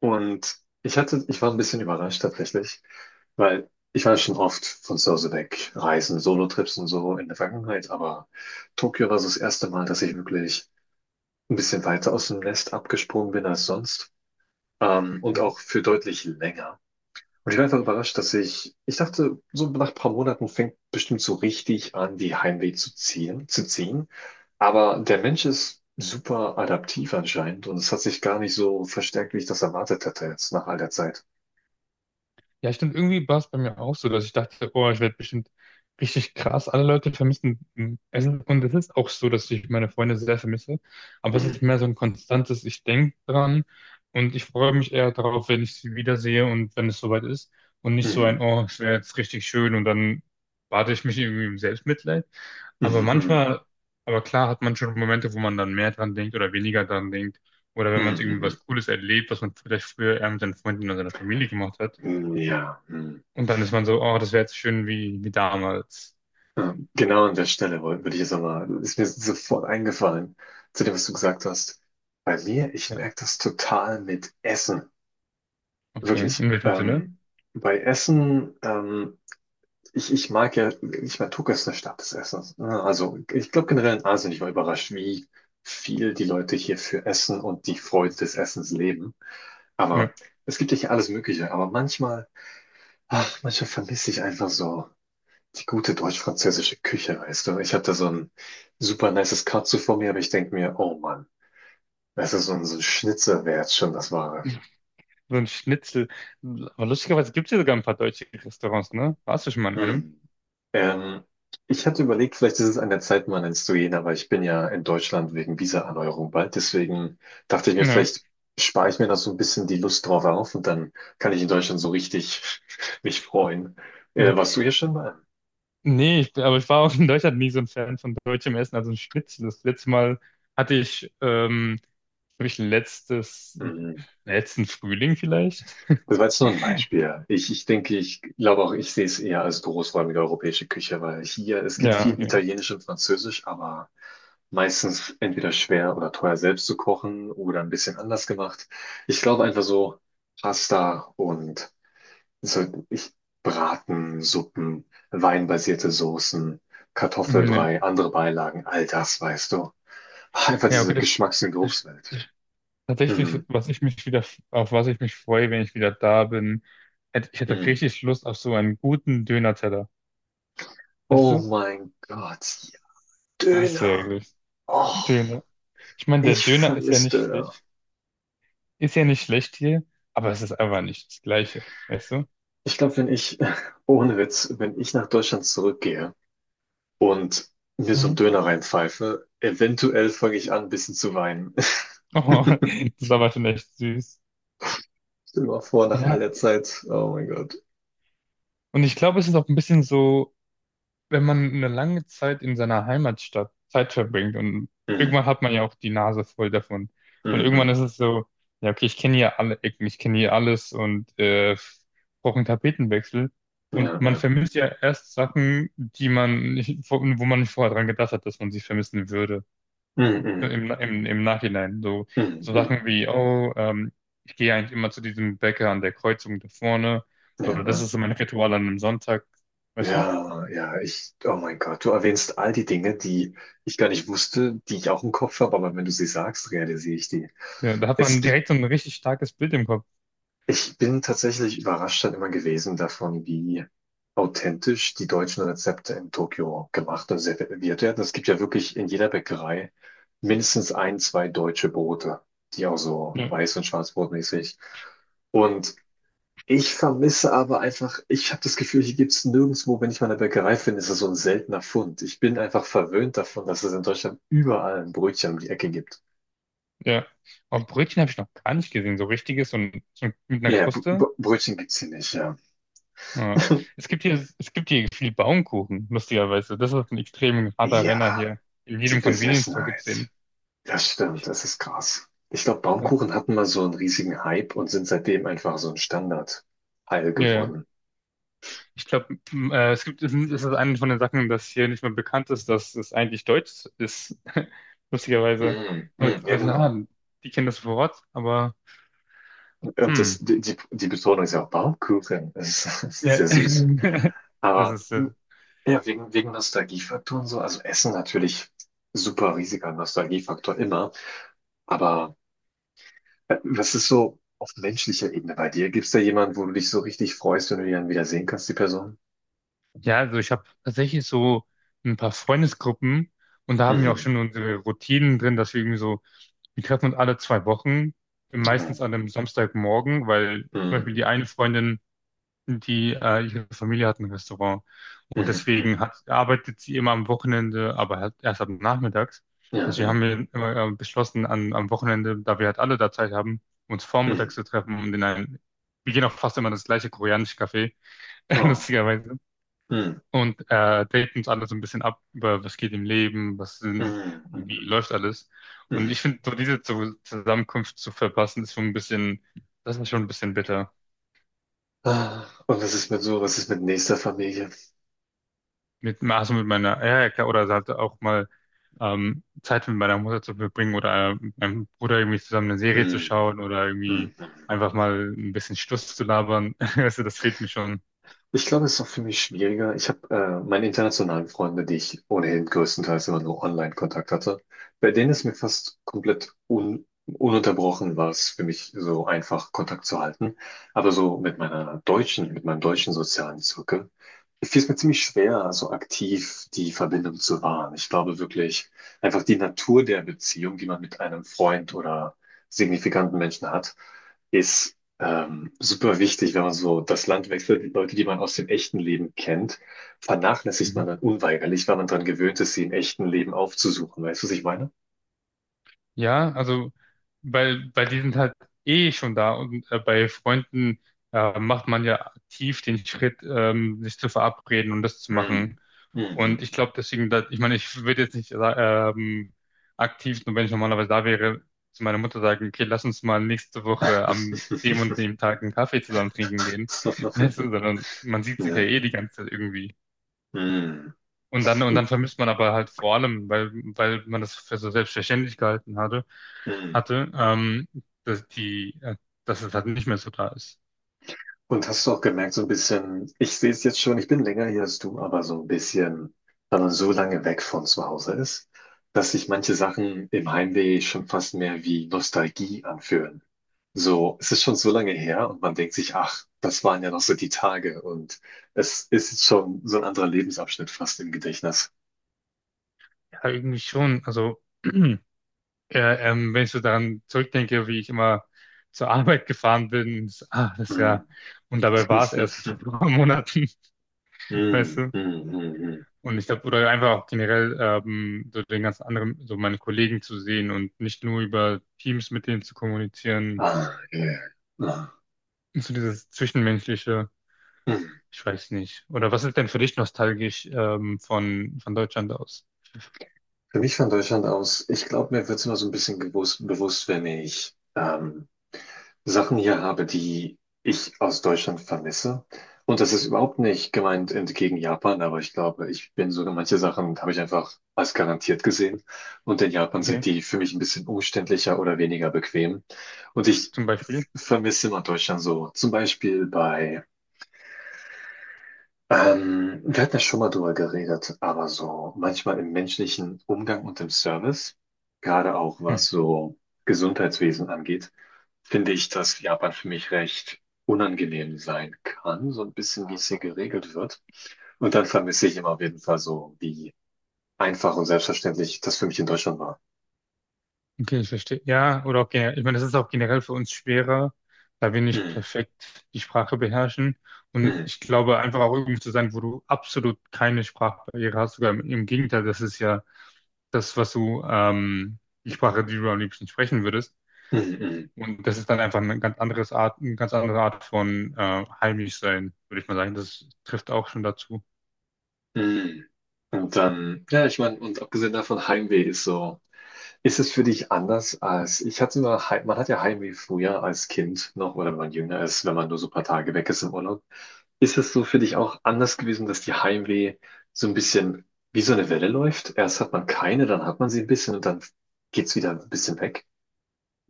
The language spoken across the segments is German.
Und ich war ein bisschen überrascht tatsächlich, weil ich war schon oft von zu Hause weg, Reisen, Solo-Trips und so in der Vergangenheit, aber Tokio war so das erste Mal, dass ich wirklich ein bisschen weiter aus dem Nest abgesprungen bin als sonst, und Ja, auch für deutlich länger. Und ich war einfach überrascht, dass ich dachte, so nach ein paar Monaten fängt bestimmt so richtig an, die Heimweh zu ziehen. Aber der Mensch ist super adaptiv anscheinend und es hat sich gar nicht so verstärkt, wie ich das erwartet hatte jetzt nach all der Zeit. Ja, stimmt, irgendwie war es bei mir auch so, dass ich dachte, oh, ich werde bestimmt richtig krass. Alle Leute vermissen Essen. Und es ist auch so, dass ich meine Freunde sehr vermisse. Aber es ist Mhm. mehr so ein konstantes, ich denke dran und ich freue mich eher darauf, wenn ich sie wiedersehe und wenn es soweit ist. Und nicht so Mhm. ein, oh, es wäre jetzt richtig schön und dann bade ich mich irgendwie im Selbstmitleid. Aber Mhm. manchmal, aber klar hat man schon Momente, wo man dann mehr dran denkt oder weniger dran denkt. Oder wenn man Mhm. irgendwie was Mhm. Cooles erlebt, was man vielleicht früher eher mit seinen Freunden oder seiner Familie gemacht hat. Mhm. Ja. Mhm. Und dann ist man so, oh, das wäre jetzt schön wie, wie damals. Ja, genau an der Stelle würde ich jetzt nochmal, ist mir sofort eingefallen, zu dem, was du gesagt hast. Bei mir, ich Ja, merke das total mit Essen. okay. Wirklich. In welchem Sinne? Bei Essen, ich mag ja, ich meine, Tokio ist eine Stadt des Essens, ne? Also ich glaube generell in Asien, ich war überrascht, wie viel die Leute hier für Essen und die Freude des Essens leben. Aber Ja. es gibt ja hier alles Mögliche. Aber manchmal, ach, manchmal vermisse ich einfach so die gute deutsch-französische Küche, weißt du? Ich habe da so ein super nices Katsu vor mir, aber ich denke mir, oh Mann, das ist so ein Schnitzer wär jetzt schon das Wahre. So ein Schnitzel. Aber lustigerweise gibt es ja sogar ein paar deutsche Restaurants, ne? Warst du schon mal in einem? Hm. Ähm, Ich hatte überlegt, vielleicht ist es an der Zeit, mal ins zu gehen, aber ich bin ja in Deutschland wegen Visa-Erneuerung bald. Deswegen dachte ich mir, Ja. vielleicht spare ich mir noch so ein bisschen die Lust drauf auf und dann kann ich in Deutschland so richtig mich freuen. Warst du hier schon mal? Nee, ich, aber ich war auch in Deutschland nie so ein Fan von deutschem Essen, also ein Schnitzel. Das letzte Mal hatte ich, glaube ich, letztes, letzten Frühling vielleicht. Das war jetzt nur ein Beispiel. Ich denke, ich glaube auch, ich sehe es eher als großräumige europäische Küche, weil hier, es gibt Ja, viel okay. Italienisch und Französisch, aber meistens entweder schwer oder teuer selbst zu kochen oder ein bisschen anders gemacht. Ich glaube einfach so Pasta und so, Braten, Suppen, weinbasierte Soßen, Mhm, Kartoffelbrei, andere Beilagen, all das, weißt du. Einfach ja, okay, diese Geschmacks- und das Geruchswelt. Mm, tatsächlich, was ich mich wieder, auf was ich mich freue, wenn ich wieder da bin, ich hätte mm. richtig Lust auf so einen guten Döner-Teller. Weißt Oh du? mein Gott, ja, Das wäre Döner. gut. Oh. Döner. Ich meine, der Ich Döner ist ja vermisse nicht Döner. schlecht. Ist ja nicht schlecht hier, aber es ist einfach nicht das Gleiche. Weißt du? Ich glaube, wenn ich, ohne Witz, wenn ich nach Deutschland zurückgehe und mir so einen Mhm. Döner reinpfeife, eventuell fange ich an, ein bisschen zu weinen. Oh, Stell das ist aber schon echt süß. dir mal vor, nach all der Ja, Zeit. Oh mein Gott. und ich glaube, es ist auch ein bisschen so, wenn man eine lange Zeit in seiner Heimatstadt Zeit verbringt und Mm, irgendwann hat man ja auch die Nase voll davon. Und mm, irgendwann mm. ist es so, ja, okay, ich kenne hier alle Ecken, ich kenne hier alles und brauche einen Tapetenwechsel. Und Ja, man ja. vermisst ja erst Sachen, die man nicht, wo man nicht vorher dran gedacht hat, dass man sie vermissen würde. Mm, mm, Im Nachhinein. So, mm, so mm. Sachen wie, oh, ich gehe eigentlich immer zu diesem Bäcker an der Kreuzung da vorne. Ja, Oder das ja. ist so mein Ritual an einem Sonntag. Weißt du? Ja, ja, oh mein Gott, du erwähnst all die Dinge, die ich gar nicht wusste, die ich auch im Kopf habe, aber wenn du sie sagst, realisiere ich die. Ja, da hat Es man direkt so ein richtig starkes Bild im Kopf. Ich bin tatsächlich überrascht dann immer gewesen davon, wie authentisch die deutschen Rezepte in Tokio gemacht und serviert werden. Es gibt ja wirklich in jeder Bäckerei mindestens ein, zwei deutsche Brote, die auch so Ja, weiß- und schwarzbrotmäßig. Und ich vermisse aber einfach, ich habe das Gefühl, hier gibt's nirgendwo, wenn ich mal eine Bäckerei finde, ist das so ein seltener Fund. Ich bin einfach verwöhnt davon, dass es in Deutschland überall ein Brötchen um die Ecke gibt. ja. Aber Brötchen habe ich noch gar nicht gesehen, so richtiges und so mit einer Ja, Br Br Kruste. Brötchen gibt's hier nicht, ja. Ja. Es gibt hier viel Baumkuchen, lustigerweise. Das ist ein extrem harter Renner Ja, hier. In die jedem Convenience Store gibt's den. Besessenheit. Das stimmt, das ist krass. Ich glaube, Ja, Baumkuchen hatten mal so einen riesigen Hype und sind seitdem einfach so ein Standardteil ja. geworden. Ich glaube, es gibt, es ist eine von den Sachen, dass hier nicht mehr bekannt ist, dass es eigentlich deutsch ist. Lustigerweise. Mm, Leute, mm, ja, ah, genau. die kennen das Wort, aber Und das, hm. die, die die Betonung ist ja auch Baumkuchen. Das ist das ist Ja. sehr süß. Das Aber ist, mm, ja, wegen Nostalgiefaktoren so, also Essen natürlich super riesiger Nostalgiefaktor immer. Aber was ist so auf menschlicher Ebene bei dir? Gibt's da jemanden, wo du dich so richtig freust, wenn du die dann wieder sehen kannst, die Person? ja, also ich habe tatsächlich so ein paar Freundesgruppen und da haben wir auch Mhm. schon unsere Routinen drin, dass wir irgendwie so, wir treffen uns alle zwei Wochen, Mhm. meistens an einem Samstagmorgen, weil zum Beispiel Mhm. die eine Freundin, die ihre Familie hat ein Restaurant und Mhm. deswegen hat, arbeitet sie immer am Wochenende, aber halt erst ab nachmittags. Ja, Deswegen ja. haben wir immer beschlossen, an, am Wochenende, da wir halt alle da Zeit haben, uns Mhm. vormittags zu treffen und in einen, wir gehen auch fast immer in das gleiche koreanische Café, Oh. lustigerweise. Mhm. Und er deckt uns alle so ein bisschen ab, über was geht im Leben, was sind, Mhm. wie Mhm. läuft alles. Und Mhm. ich finde, so diese Zusammenkunft zu verpassen, ist schon ein bisschen, das ist schon ein bisschen bitter. Ah, und was ist mit nächster Familie? Mit, also mit meiner, ja, ja, klar, oder halt auch mal Zeit mit meiner Mutter zu verbringen oder mit meinem Bruder irgendwie zusammen eine Serie zu Mhm. schauen oder irgendwie Mhm. einfach mal ein bisschen Stuss zu labern. Also das fehlt mir schon. Ich glaube, es ist auch für mich schwieriger. Ich habe meine internationalen Freunde, die ich ohnehin größtenteils immer nur Online-Kontakt hatte. Bei denen ist mir fast komplett un ununterbrochen war es für mich so einfach, Kontakt zu halten. Aber so mit meinem deutschen sozialen Zirkel fiel es mir ziemlich schwer, so aktiv die Verbindung zu wahren. Ich glaube wirklich, einfach die Natur der Beziehung, die man mit einem Freund oder signifikanten Menschen hat, ist super wichtig, wenn man so das Land wechselt. Die Leute, die man aus dem echten Leben kennt, vernachlässigt man dann unweigerlich, weil man daran gewöhnt ist, sie im echten Leben aufzusuchen. Weißt du, was ich meine? Ja, also weil, weil die sind halt eh schon da und bei Freunden macht man ja aktiv den Schritt, sich zu verabreden und das zu machen. Mm. Und ich Mhm. glaube deswegen, dass, ich meine, ich würde jetzt nicht ähm, aktiv, nur wenn ich normalerweise da wäre, zu meiner Mutter sagen, okay, lass uns mal nächste Woche am dem und dem Tag einen Kaffee zusammen trinken gehen. Weißt du, sondern man sieht sich ja Ja. eh die ganze Zeit irgendwie. Mm. Und dann vermisst man aber halt vor allem, weil, weil man das für so selbstverständlich gehalten hatte, Mm. hatte, dass die, dass es halt nicht mehr so da ist. Und hast du auch gemerkt, so ein bisschen, ich sehe es jetzt schon, ich bin länger hier als du, aber so ein bisschen, wenn man so lange weg von zu Hause ist, dass sich manche Sachen im Heimweh schon fast mehr wie Nostalgie anfühlen. So, es ist schon so lange her und man denkt sich, ach, das waren ja noch so die Tage und es ist jetzt schon so ein anderer Lebensabschnitt fast im Gedächtnis. Ja, irgendwie schon. Also, wenn ich so daran zurückdenke, wie ich immer zur Arbeit gefahren bin, ist, ah, das ist Mm. ja, und dabei war es erst vor ein paar Monaten, weißt Mm, du? mm, mm, mm. Und ich glaube, oder einfach auch generell, so den ganz anderen, so meine Kollegen zu sehen und nicht nur über Teams mit denen zu kommunizieren, Ah, yeah. Ah. so dieses Zwischenmenschliche. Mm. Ich weiß nicht. Oder was ist denn für dich nostalgisch von Deutschland aus? Für mich von Deutschland aus, ich glaube, mir wird es immer so ein bisschen bewusst, wenn ich Sachen hier habe, die ich aus Deutschland vermisse. Und das ist überhaupt nicht gemeint entgegen Japan, aber ich glaube, ich bin sogar manche Sachen habe ich einfach als garantiert gesehen. Und in Japan sind Okay, die für mich ein bisschen umständlicher oder weniger bequem. Und ich zum Beispiel. vermisse immer Deutschland so. Zum Beispiel bei wir hatten ja schon mal drüber geredet, aber so manchmal im menschlichen Umgang und im Service, gerade auch Hm. was so Gesundheitswesen angeht, finde ich, dass Japan für mich recht unangenehm sein kann, so ein bisschen, wie es hier geregelt wird. Und dann vermisse ich immer auf jeden Fall so, wie einfach und selbstverständlich das für mich in Deutschland war. Okay, ich verstehe. Ja, oder auch generell. Ich meine, das ist auch generell für uns schwerer, da wir nicht Mm, perfekt die Sprache beherrschen. Und mm, ich glaube, einfach auch irgendwo zu sein, wo du absolut keine Sprachbarriere hast. Sogar im Gegenteil, das ist ja das, was du, die Sprache, die du am liebsten sprechen würdest. mm, Und das ist dann einfach eine ganz andere Art von heimisch sein, würde ich mal sagen. Das trifft auch schon dazu. mm, mm. Und dann, ja, ich meine, und abgesehen davon, Heimweh ist so. Ist es für dich anders als, ich hatte mal, man hat ja Heimweh früher als Kind noch oder wenn man jünger ist, wenn man nur so ein paar Tage weg ist im Urlaub. Ist es so für dich auch anders gewesen, dass die Heimweh so ein bisschen wie so eine Welle läuft? Erst hat man keine, dann hat man sie ein bisschen und dann geht's wieder ein bisschen weg.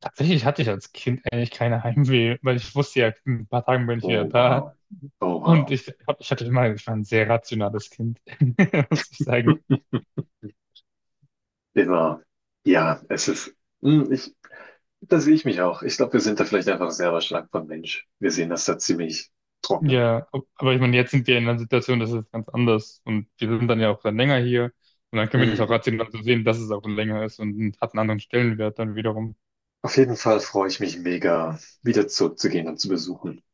Tatsächlich hatte ich als Kind eigentlich keine Heimweh, weil ich wusste ja, in ein paar Tagen bin ich Oh, wieder da. wow. Oh, Und wow. Ich hatte immer, ich war ein sehr rationales Kind, muss ich sagen. Immer. Ja, es ist, hm, ich, da sehe ich mich auch. Ich glaube, wir sind da vielleicht einfach selber stark von Mensch. Wir sehen das da ziemlich trocken. Ja, aber ich meine, jetzt sind wir in einer Situation, das ist ganz anders. Und wir sind dann ja auch dann länger hier. Und dann können wir das auch Hm. rational so sehen, dass es auch länger ist und hat einen anderen Stellenwert dann wiederum. Auf jeden Fall freue ich mich mega, wieder zurückzugehen und zu besuchen.